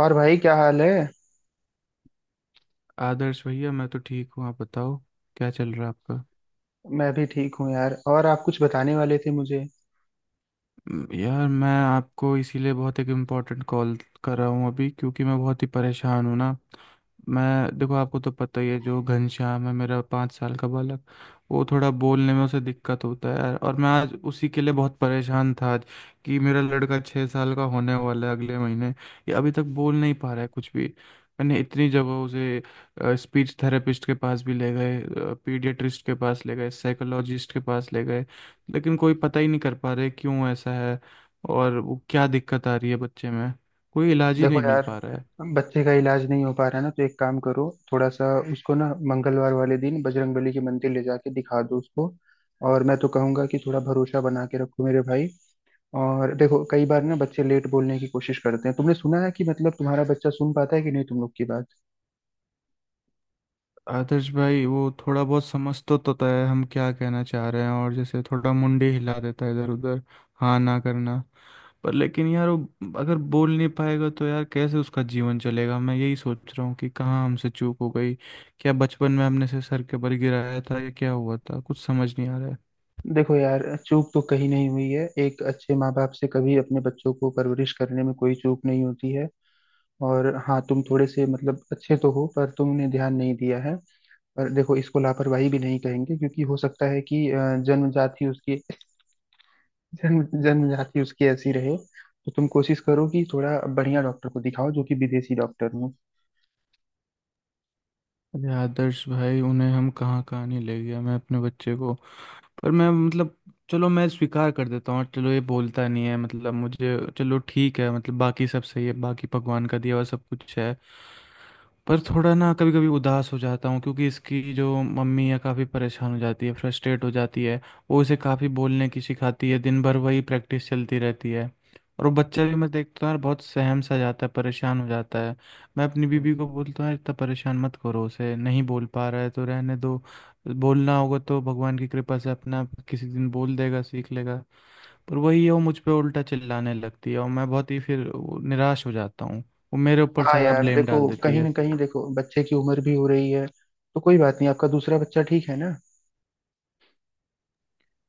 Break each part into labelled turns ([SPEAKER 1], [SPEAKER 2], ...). [SPEAKER 1] और भाई क्या हाल है?
[SPEAKER 2] आदर्श भैया मैं तो ठीक हूँ। आप बताओ क्या चल रहा है आपका।
[SPEAKER 1] मैं भी ठीक हूँ यार। और आप कुछ बताने वाले थे मुझे।
[SPEAKER 2] यार मैं आपको इसीलिए बहुत एक इम्पोर्टेंट कॉल कर रहा हूँ अभी, क्योंकि मैं बहुत ही परेशान हूँ ना। मैं देखो, आपको तो पता ही है जो घनश्याम है, मेरा 5 साल का बालक वो थोड़ा बोलने में उसे दिक्कत होता है यार। और मैं आज उसी के लिए बहुत परेशान था आज, कि मेरा लड़का 6 साल का होने वाला है अगले महीने, ये अभी तक बोल नहीं पा रहा है कुछ भी। मैंने इतनी जगह उसे स्पीच थेरेपिस्ट के पास भी ले गए, पीडियाट्रिस्ट के पास ले गए, साइकोलॉजिस्ट के पास ले गए, लेकिन कोई पता ही नहीं कर पा रहे क्यों ऐसा है और वो क्या दिक्कत आ रही है बच्चे में। कोई इलाज ही
[SPEAKER 1] देखो
[SPEAKER 2] नहीं मिल
[SPEAKER 1] यार,
[SPEAKER 2] पा रहा है।
[SPEAKER 1] बच्चे का इलाज नहीं हो पा रहा है ना, तो एक काम करो थोड़ा सा, उसको ना मंगलवार वाले दिन बजरंगबली के मंदिर ले जाके दिखा दो उसको। और मैं तो कहूंगा कि थोड़ा भरोसा बना के रखो मेरे भाई। और देखो, कई बार ना बच्चे लेट बोलने की कोशिश करते हैं। तुमने सुना है कि मतलब तुम्हारा बच्चा सुन पाता है कि नहीं तुम लोग की बात?
[SPEAKER 2] आदर्श भाई वो थोड़ा बहुत समझ तो तय है हम क्या कहना चाह रहे हैं, और जैसे थोड़ा मुंडी हिला देता है इधर उधर, हाँ ना करना। पर लेकिन यार वो अगर बोल नहीं पाएगा तो यार कैसे उसका जीवन चलेगा? मैं यही सोच रहा हूँ कि कहाँ हमसे चूक हो गई। क्या बचपन में हमने से सर के बल गिराया था या क्या हुआ था? कुछ समझ नहीं आ रहा है।
[SPEAKER 1] देखो यार, चूक तो कहीं नहीं हुई है। एक अच्छे माँ बाप से कभी अपने बच्चों को परवरिश करने में कोई चूक नहीं होती है। और हाँ, तुम थोड़े से मतलब अच्छे तो हो, पर तुमने ध्यान नहीं दिया है। पर देखो, इसको लापरवाही भी नहीं कहेंगे, क्योंकि हो सकता है कि जन्मजाति उसकी जन्म जन्मजाति उसकी ऐसी रहे। तो तुम कोशिश करो कि थोड़ा बढ़िया डॉक्टर को दिखाओ, जो कि विदेशी डॉक्टर हो।
[SPEAKER 2] अरे आदर्श भाई, उन्हें हम कहाँ कहाँ नहीं ले गया मैं अपने बच्चे को। पर मैं मतलब, चलो मैं स्वीकार कर देता हूँ, चलो ये बोलता नहीं है मतलब मुझे, चलो ठीक है मतलब बाकी सब सही है, बाकी भगवान का दिया हुआ सब कुछ है। पर थोड़ा ना कभी कभी उदास हो जाता हूँ, क्योंकि इसकी जो मम्मी है काफ़ी परेशान हो जाती है, फ्रस्ट्रेट हो जाती है। वो इसे काफ़ी बोलने की सिखाती है, दिन भर वही प्रैक्टिस चलती रहती है। और वो बच्चा भी मैं देखता हूँ यार बहुत सहम सा जाता है, परेशान हो जाता है। मैं अपनी बीबी को बोलता हूँ यार इतना परेशान मत करो उसे, नहीं बोल पा रहा है तो रहने दो। बोलना होगा तो भगवान की कृपा से अपने आप किसी दिन बोल देगा, सीख लेगा। पर वही है, वो मुझ पे उल्टा चिल्लाने लगती है और मैं बहुत ही फिर वो निराश हो जाता हूँ। वो मेरे ऊपर
[SPEAKER 1] हाँ
[SPEAKER 2] सारा
[SPEAKER 1] यार,
[SPEAKER 2] ब्लेम
[SPEAKER 1] देखो
[SPEAKER 2] डाल देती
[SPEAKER 1] कहीं
[SPEAKER 2] है।
[SPEAKER 1] ना कहीं देखो बच्चे की उम्र भी हो रही है। तो कोई बात नहीं, आपका दूसरा बच्चा ठीक है ना?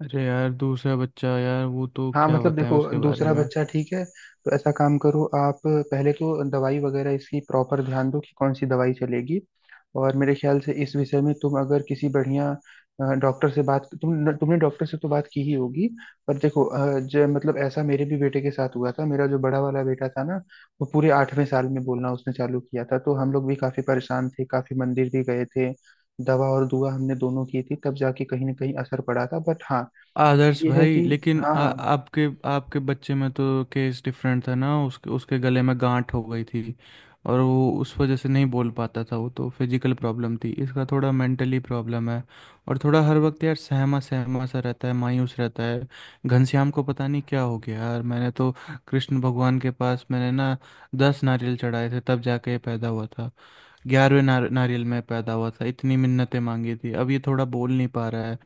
[SPEAKER 2] अरे यार दूसरा बच्चा, यार वो तो
[SPEAKER 1] हाँ
[SPEAKER 2] क्या
[SPEAKER 1] मतलब देखो,
[SPEAKER 2] बताएं उसके बारे
[SPEAKER 1] दूसरा
[SPEAKER 2] में।
[SPEAKER 1] बच्चा ठीक है। तो ऐसा काम करो, आप पहले तो दवाई वगैरह इसकी प्रॉपर ध्यान दो कि कौन सी दवाई चलेगी। और मेरे ख्याल से इस विषय में तुम अगर किसी बढ़िया डॉक्टर से बात, तुमने डॉक्टर से तो बात की ही होगी। पर देखो, जो मतलब ऐसा मेरे भी बेटे के साथ हुआ था। मेरा जो बड़ा वाला बेटा था ना, वो पूरे आठवें साल में बोलना उसने चालू किया था। तो हम लोग भी काफी परेशान थे, काफी मंदिर भी गए थे। दवा और दुआ हमने दोनों की थी, तब जाके कहीं ना कहीं असर पड़ा था। बट हाँ,
[SPEAKER 2] आदर्श
[SPEAKER 1] ये है
[SPEAKER 2] भाई
[SPEAKER 1] कि,
[SPEAKER 2] लेकिन
[SPEAKER 1] हाँ
[SPEAKER 2] आ,
[SPEAKER 1] हाँ।
[SPEAKER 2] आपके आपके बच्चे में तो केस डिफरेंट था ना, उसके उसके गले में गांठ हो गई थी और वो उस वजह से नहीं बोल पाता था। वो तो फिजिकल प्रॉब्लम थी, इसका थोड़ा मेंटली प्रॉब्लम है। और थोड़ा हर वक्त यार सहमा सहमा सा रहता है, मायूस रहता है। घनश्याम को पता नहीं क्या हो गया यार। मैंने तो कृष्ण भगवान के पास मैंने ना 10 नारियल चढ़ाए थे, तब जाके ये पैदा हुआ था। 11वें नारियल में पैदा हुआ था, इतनी मिन्नतें मांगी थी, अब ये थोड़ा बोल नहीं पा रहा है।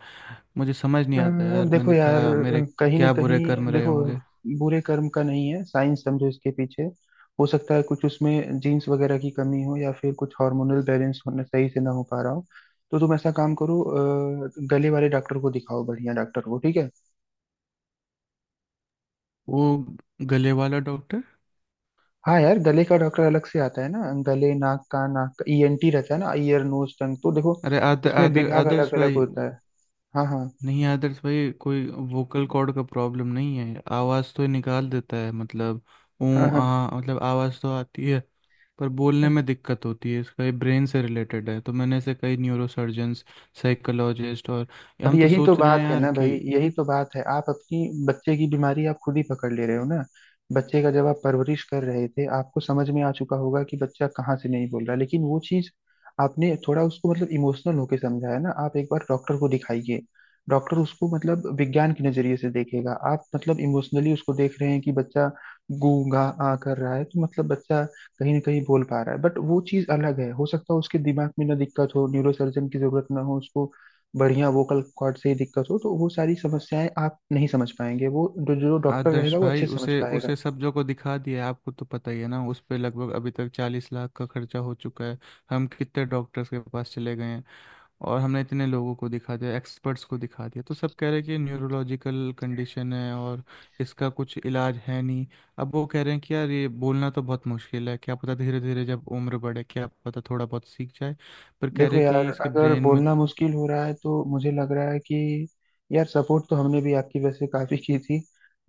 [SPEAKER 2] मुझे समझ नहीं
[SPEAKER 1] अ,
[SPEAKER 2] आता यार,
[SPEAKER 1] देखो
[SPEAKER 2] मैंने
[SPEAKER 1] यार,
[SPEAKER 2] क्या, मेरे
[SPEAKER 1] कहीं ना
[SPEAKER 2] क्या
[SPEAKER 1] कहीं
[SPEAKER 2] बुरे कर्म रहे
[SPEAKER 1] देखो
[SPEAKER 2] होंगे।
[SPEAKER 1] बुरे कर्म का नहीं है, साइंस समझो इसके पीछे। हो सकता है कुछ उसमें जीन्स वगैरह की कमी हो, या फिर कुछ हार्मोनल बैलेंस होना सही से ना हो पा रहा हो। तो तुम ऐसा काम करो, गले वाले डॉक्टर को दिखाओ, बढ़िया डॉक्टर को। ठीक है?
[SPEAKER 2] वो गले वाला डॉक्टर?
[SPEAKER 1] हाँ यार, गले का डॉक्टर अलग से आता है ना। गले नाक का ईएनटी रहता है ना, ईयर नोज टंग। तो देखो,
[SPEAKER 2] अरे आदर
[SPEAKER 1] उसमें
[SPEAKER 2] आदर
[SPEAKER 1] विभाग
[SPEAKER 2] आदर्श
[SPEAKER 1] अलग अलग
[SPEAKER 2] भाई,
[SPEAKER 1] होता है। हाँ हाँ।
[SPEAKER 2] नहीं आदर्श भाई, कोई वोकल कॉर्ड का प्रॉब्लम नहीं है, आवाज़ तो निकाल देता है मतलब।
[SPEAKER 1] हाँ
[SPEAKER 2] ऊ
[SPEAKER 1] हाँ।
[SPEAKER 2] आ, मतलब आवाज़ तो आती है, पर बोलने में दिक्कत होती है इसका, ये ब्रेन से रिलेटेड है। तो मैंने ऐसे कई न्यूरोसर्जन्स, साइकोलॉजिस्ट, और
[SPEAKER 1] अब
[SPEAKER 2] हम तो
[SPEAKER 1] यही तो
[SPEAKER 2] सोच रहे हैं
[SPEAKER 1] बात है
[SPEAKER 2] यार
[SPEAKER 1] ना भाई,
[SPEAKER 2] कि,
[SPEAKER 1] यही तो बात है। आप अपनी बच्चे की बीमारी आप खुद ही पकड़ ले रहे हो ना। बच्चे का जब आप परवरिश कर रहे थे, आपको समझ में आ चुका होगा कि बच्चा कहाँ से नहीं बोल रहा। लेकिन वो चीज आपने थोड़ा उसको मतलब इमोशनल होके समझाया ना। आप एक बार डॉक्टर को दिखाइए। डॉक्टर उसको मतलब विज्ञान के नजरिए से देखेगा। आप मतलब इमोशनली उसको देख रहे हैं कि बच्चा गू गा आ कर रहा है, तो मतलब बच्चा कहीं ना कहीं बोल पा रहा है। बट वो चीज अलग है। हो सकता है उसके दिमाग में ना दिक्कत हो, न्यूरोसर्जन की जरूरत ना हो उसको। बढ़िया वोकल कॉर्ड से ही दिक्कत हो, तो वो सारी समस्याएं आप नहीं समझ पाएंगे। वो जो जो डॉक्टर
[SPEAKER 2] आदर्श
[SPEAKER 1] रहेगा वो
[SPEAKER 2] भाई
[SPEAKER 1] अच्छे से समझ
[SPEAKER 2] उसे
[SPEAKER 1] पाएगा।
[SPEAKER 2] उसे सब्जों को दिखा दिया है, आपको तो पता ही है ना, उस पे लगभग अभी तक 40 लाख का खर्चा हो चुका है। हम कितने डॉक्टर्स के पास चले गए हैं और हमने इतने लोगों को दिखा दिया, एक्सपर्ट्स को दिखा दिया, तो सब कह रहे हैं कि न्यूरोलॉजिकल कंडीशन है और इसका कुछ इलाज है नहीं। अब वो कह रहे हैं कि यार ये बोलना तो बहुत मुश्किल है, क्या पता धीरे धीरे जब उम्र बढ़े क्या पता थोड़ा बहुत सीख जाए, पर कह
[SPEAKER 1] देखो
[SPEAKER 2] रहे हैं
[SPEAKER 1] यार,
[SPEAKER 2] कि इसके
[SPEAKER 1] अगर
[SPEAKER 2] ब्रेन में।
[SPEAKER 1] बोलना मुश्किल हो रहा है, तो मुझे लग रहा है कि यार, सपोर्ट तो हमने भी आपकी वैसे काफी की थी।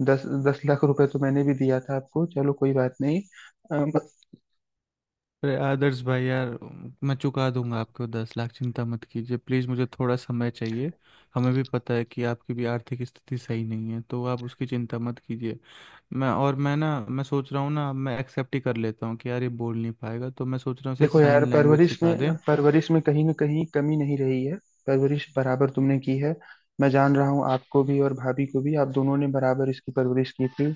[SPEAKER 1] दस दस लाख रुपए तो मैंने भी दिया था आपको। चलो कोई बात नहीं। अम,
[SPEAKER 2] अरे आदर्श भाई यार, मैं चुका दूंगा आपको 10 लाख, चिंता मत कीजिए प्लीज़, मुझे थोड़ा समय चाहिए। हमें भी पता है कि आपकी भी आर्थिक स्थिति सही नहीं है, तो आप उसकी चिंता मत कीजिए। मैं सोच रहा हूँ ना, मैं एक्सेप्ट ही कर लेता हूँ कि यार ये बोल नहीं पाएगा, तो मैं सोच रहा हूँ इसे
[SPEAKER 1] देखो यार,
[SPEAKER 2] साइन लैंग्वेज
[SPEAKER 1] परवरिश
[SPEAKER 2] सिखा दें।
[SPEAKER 1] में परवरिश में कहीं ना कहीं कमी नहीं रही है। परवरिश बराबर तुमने की है। मैं जान रहा हूँ, आपको भी और भाभी को भी, आप दोनों ने बराबर इसकी परवरिश की थी।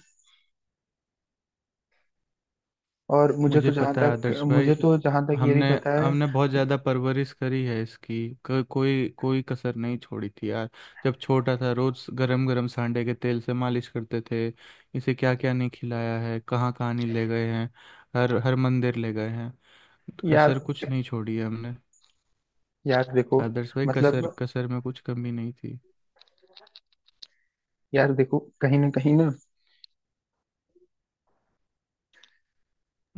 [SPEAKER 1] और मुझे तो
[SPEAKER 2] मुझे
[SPEAKER 1] जहां
[SPEAKER 2] पता है
[SPEAKER 1] तक
[SPEAKER 2] आदर्श भाई,
[SPEAKER 1] मुझे तो जहां तक ये भी
[SPEAKER 2] हमने
[SPEAKER 1] पता है।
[SPEAKER 2] हमने बहुत ज़्यादा परवरिश करी है इसकी, को, कोई कोई कसर नहीं छोड़ी थी यार। जब छोटा था रोज़ गरम गरम सांडे के तेल से मालिश करते थे। इसे क्या क्या नहीं खिलाया है, कहाँ कहाँ नहीं ले गए हैं, हर हर मंदिर ले गए हैं।
[SPEAKER 1] यार
[SPEAKER 2] कसर कुछ नहीं छोड़ी है हमने।
[SPEAKER 1] यार देखो
[SPEAKER 2] आदर्श भाई कसर
[SPEAKER 1] मतलब,
[SPEAKER 2] कसर में कुछ कमी नहीं थी।
[SPEAKER 1] यार देखो कहीं ना कहीं ना,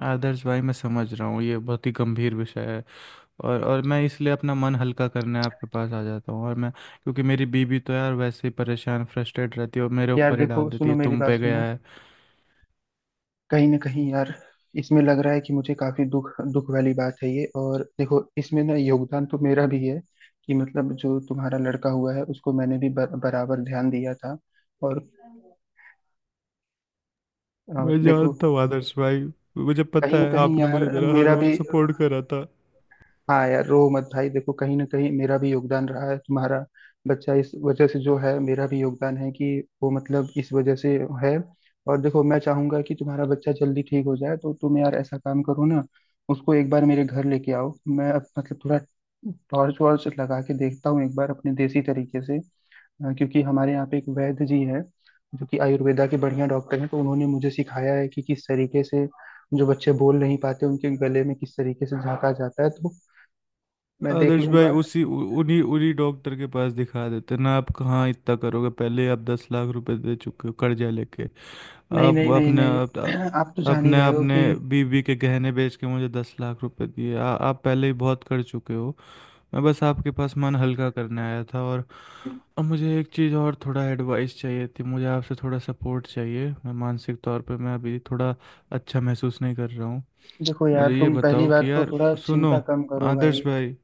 [SPEAKER 2] आदर्श भाई मैं समझ रहा हूँ ये बहुत ही गंभीर विषय है, और मैं इसलिए अपना मन हल्का करने आपके पास आ जाता हूँ, और मैं, क्योंकि मेरी बीवी तो यार वैसे ही परेशान फ्रस्ट्रेट रहती है और मेरे
[SPEAKER 1] यार
[SPEAKER 2] ऊपर ही
[SPEAKER 1] देखो
[SPEAKER 2] डाल देती
[SPEAKER 1] सुनो
[SPEAKER 2] है,
[SPEAKER 1] मेरी
[SPEAKER 2] तुम
[SPEAKER 1] बात
[SPEAKER 2] पे गया
[SPEAKER 1] सुनो।
[SPEAKER 2] है।
[SPEAKER 1] कहीं ना कहीं यार, इसमें लग रहा है कि मुझे काफी दुख दुख वाली बात है ये। और देखो, इसमें ना योगदान तो मेरा भी है, कि मतलब जो तुम्हारा लड़का हुआ है, उसको मैंने भी बराबर ध्यान दिया था। और और
[SPEAKER 2] मैं
[SPEAKER 1] देखो,
[SPEAKER 2] जानता हूँ आदर्श भाई, मुझे पता
[SPEAKER 1] कहीं ना
[SPEAKER 2] है
[SPEAKER 1] कहीं
[SPEAKER 2] आपने
[SPEAKER 1] यार,
[SPEAKER 2] मुझे मेरा हर
[SPEAKER 1] मेरा भी।
[SPEAKER 2] वक्त सपोर्ट करा था।
[SPEAKER 1] हाँ यार, रो मत भाई, देखो कहीं ना कहीं मेरा भी योगदान रहा है। तुम्हारा बच्चा इस वजह से जो है, मेरा भी योगदान है कि वो मतलब इस वजह से है। और देखो, मैं चाहूंगा कि तुम्हारा बच्चा जल्दी ठीक हो जाए। तो तुम यार ऐसा काम करो ना, उसको एक बार मेरे घर लेके आओ। मैं अब मतलब थोड़ा टॉर्च वॉर्च लगा के देखता हूँ एक बार अपने देसी तरीके से। क्योंकि हमारे यहाँ पे एक वैद्य जी है, जो कि आयुर्वेदा के बढ़िया डॉक्टर हैं। तो उन्होंने मुझे सिखाया है कि किस तरीके से जो बच्चे बोल नहीं पाते उनके गले में किस तरीके से झांका जाता है। तो मैं देख
[SPEAKER 2] आदर्श भाई
[SPEAKER 1] लूंगा।
[SPEAKER 2] उसी उ- उन्हीं उन्हीं डॉक्टर के पास दिखा देते ना, आप कहाँ इतना करोगे? पहले आप 10 लाख रुपए दे चुके हो कर्जा लेके।
[SPEAKER 1] नहीं नहीं नहीं नहीं।
[SPEAKER 2] आप,
[SPEAKER 1] आप तो जान ही
[SPEAKER 2] अपने
[SPEAKER 1] रहे हो
[SPEAKER 2] अपने
[SPEAKER 1] कि।
[SPEAKER 2] बीवी के गहने बेच के मुझे 10 लाख रुपए दिए, आप पहले ही बहुत कर चुके हो। मैं बस आपके पास मन हल्का करने आया था, और मुझे एक चीज़ और थोड़ा एडवाइस चाहिए थी, मुझे आपसे थोड़ा सपोर्ट चाहिए। मैं मानसिक तौर पे मैं अभी थोड़ा अच्छा महसूस नहीं कर रहा हूँ।
[SPEAKER 1] देखो
[SPEAKER 2] मुझे
[SPEAKER 1] यार,
[SPEAKER 2] ये
[SPEAKER 1] तुम पहली
[SPEAKER 2] बताओ कि
[SPEAKER 1] बात तो
[SPEAKER 2] यार,
[SPEAKER 1] थोड़ा चिंता
[SPEAKER 2] सुनो
[SPEAKER 1] कम करो भाई।
[SPEAKER 2] आदर्श भाई,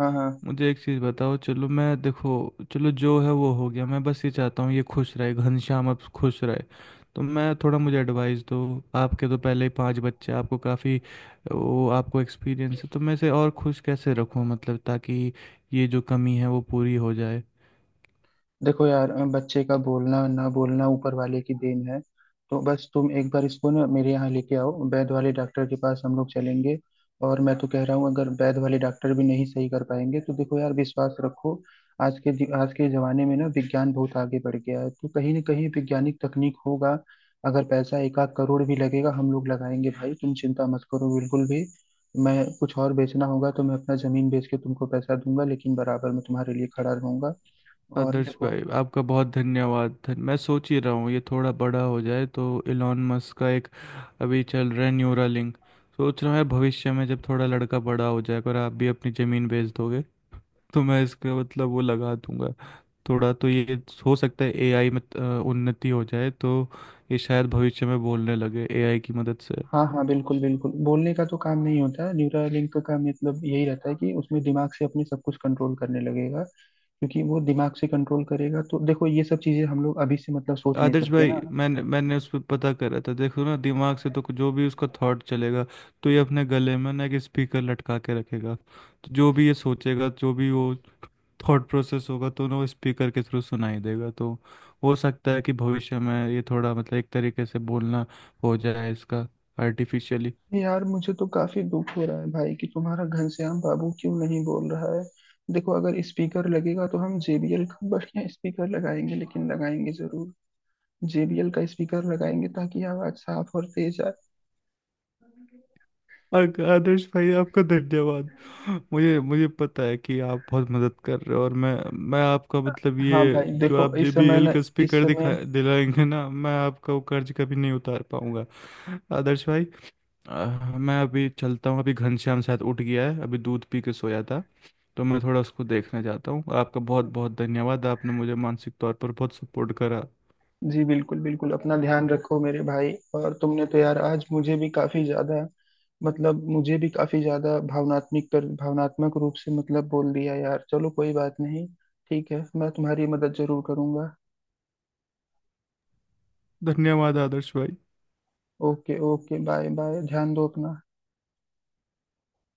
[SPEAKER 1] हाँ हाँ।
[SPEAKER 2] मुझे एक चीज़ बताओ। चलो मैं देखो, चलो जो है वो हो गया, मैं बस ये चाहता हूँ ये खुश रहे घनश्याम, अब खुश रहे। तो मैं थोड़ा, मुझे एडवाइस दो। आपके तो पहले ही 5 बच्चे, आपको काफ़ी वो, आपको एक्सपीरियंस है, तो मैं इसे और खुश कैसे रखूँ मतलब, ताकि ये जो कमी है वो पूरी हो जाए।
[SPEAKER 1] देखो यार, बच्चे का बोलना ना बोलना ऊपर वाले की देन है। तो बस तुम एक बार इसको ना मेरे यहाँ लेके आओ, वैद वाले डॉक्टर के पास हम लोग चलेंगे। और मैं तो कह रहा हूँ, अगर वैद वाले डॉक्टर भी नहीं सही कर पाएंगे, तो देखो यार, विश्वास रखो। आज के आज के जमाने में ना विज्ञान बहुत आगे बढ़ गया है, तो कहीं ना कहीं वैज्ञानिक तकनीक होगा। अगर पैसा एक आध करोड़ भी लगेगा, हम लोग लगाएंगे भाई। तुम चिंता मत करो बिल्कुल भी। मैं कुछ और बेचना होगा तो मैं अपना जमीन बेच के तुमको पैसा दूंगा, लेकिन बराबर मैं तुम्हारे लिए खड़ा रहूंगा। और
[SPEAKER 2] आदर्श
[SPEAKER 1] देखो।
[SPEAKER 2] भाई आपका बहुत धन्यवाद, मैं सोच ही रहा हूँ ये थोड़ा बड़ा हो जाए, तो इलॉन मस्क का एक अभी चल रहा है न्यूरालिंक। सोच रहा हूँ भविष्य में जब थोड़ा लड़का बड़ा हो जाएगा और आप भी अपनी ज़मीन बेच दोगे तो मैं इसका मतलब वो लगा दूंगा। थोड़ा तो ये, हो सकता है एआई में उन्नति हो जाए तो ये शायद भविष्य में बोलने लगे एआई की मदद से।
[SPEAKER 1] हाँ हाँ, बिल्कुल बिल्कुल, बोलने का तो काम नहीं होता। न्यूरालिंक का काम मतलब यही रहता है कि उसमें दिमाग से अपने सब कुछ कंट्रोल करने लगेगा। क्योंकि वो दिमाग से कंट्रोल करेगा, तो देखो ये सब चीजें हम लोग अभी से मतलब सोच नहीं
[SPEAKER 2] आदर्श
[SPEAKER 1] सकते
[SPEAKER 2] भाई
[SPEAKER 1] ना।
[SPEAKER 2] मैंने मैंने उस पर पता करा था। देखो ना दिमाग से तो जो भी उसका थॉट चलेगा, तो ये अपने गले में ना एक स्पीकर लटका के रखेगा। तो जो भी ये सोचेगा, जो भी वो थॉट प्रोसेस होगा, तो ना वो स्पीकर के थ्रू सुनाई देगा, तो हो सकता है कि भविष्य में ये थोड़ा मतलब एक तरीके से बोलना हो जाए इसका, आर्टिफिशियली।
[SPEAKER 1] यार मुझे तो काफी दुख हो रहा है भाई, कि तुम्हारा घनश्याम बाबू क्यों नहीं बोल रहा है। देखो अगर स्पीकर लगेगा, तो हम जेबीएल का बढ़िया स्पीकर लगाएंगे, लेकिन लगाएंगे जरूर। जेबीएल का स्पीकर लगाएंगे ताकि आवाज साफ और तेज आए।
[SPEAKER 2] आदर्श भाई आपका धन्यवाद। मुझे मुझे पता है कि आप बहुत मदद कर रहे हो, और मैं आपका मतलब ये
[SPEAKER 1] हाँ भाई
[SPEAKER 2] जो
[SPEAKER 1] देखो,
[SPEAKER 2] आप
[SPEAKER 1] इस समय
[SPEAKER 2] JBL
[SPEAKER 1] ना,
[SPEAKER 2] का
[SPEAKER 1] इस
[SPEAKER 2] स्पीकर दिखा
[SPEAKER 1] समय।
[SPEAKER 2] दिलाएंगे ना, मैं आपका वो कर्ज कभी नहीं उतार पाऊंगा। आदर्श भाई, अ, मैं अभी चलता हूँ, अभी घनश्याम शायद उठ गया है, अभी दूध पी के सोया था। तो मैं थोड़ा उसको देखने जाता हूँ। आपका बहुत बहुत धन्यवाद, आपने मुझे मानसिक तौर पर बहुत सपोर्ट करा।
[SPEAKER 1] जी बिल्कुल बिल्कुल, अपना ध्यान रखो मेरे भाई। और तुमने तो यार आज मुझे भी काफी ज्यादा भावनात्मक रूप से मतलब बोल दिया यार। चलो कोई बात नहीं। ठीक है, मैं तुम्हारी मदद जरूर करूंगा।
[SPEAKER 2] धन्यवाद आदर्श भाई।
[SPEAKER 1] ओके ओके, बाय बाय, ध्यान दो अपना।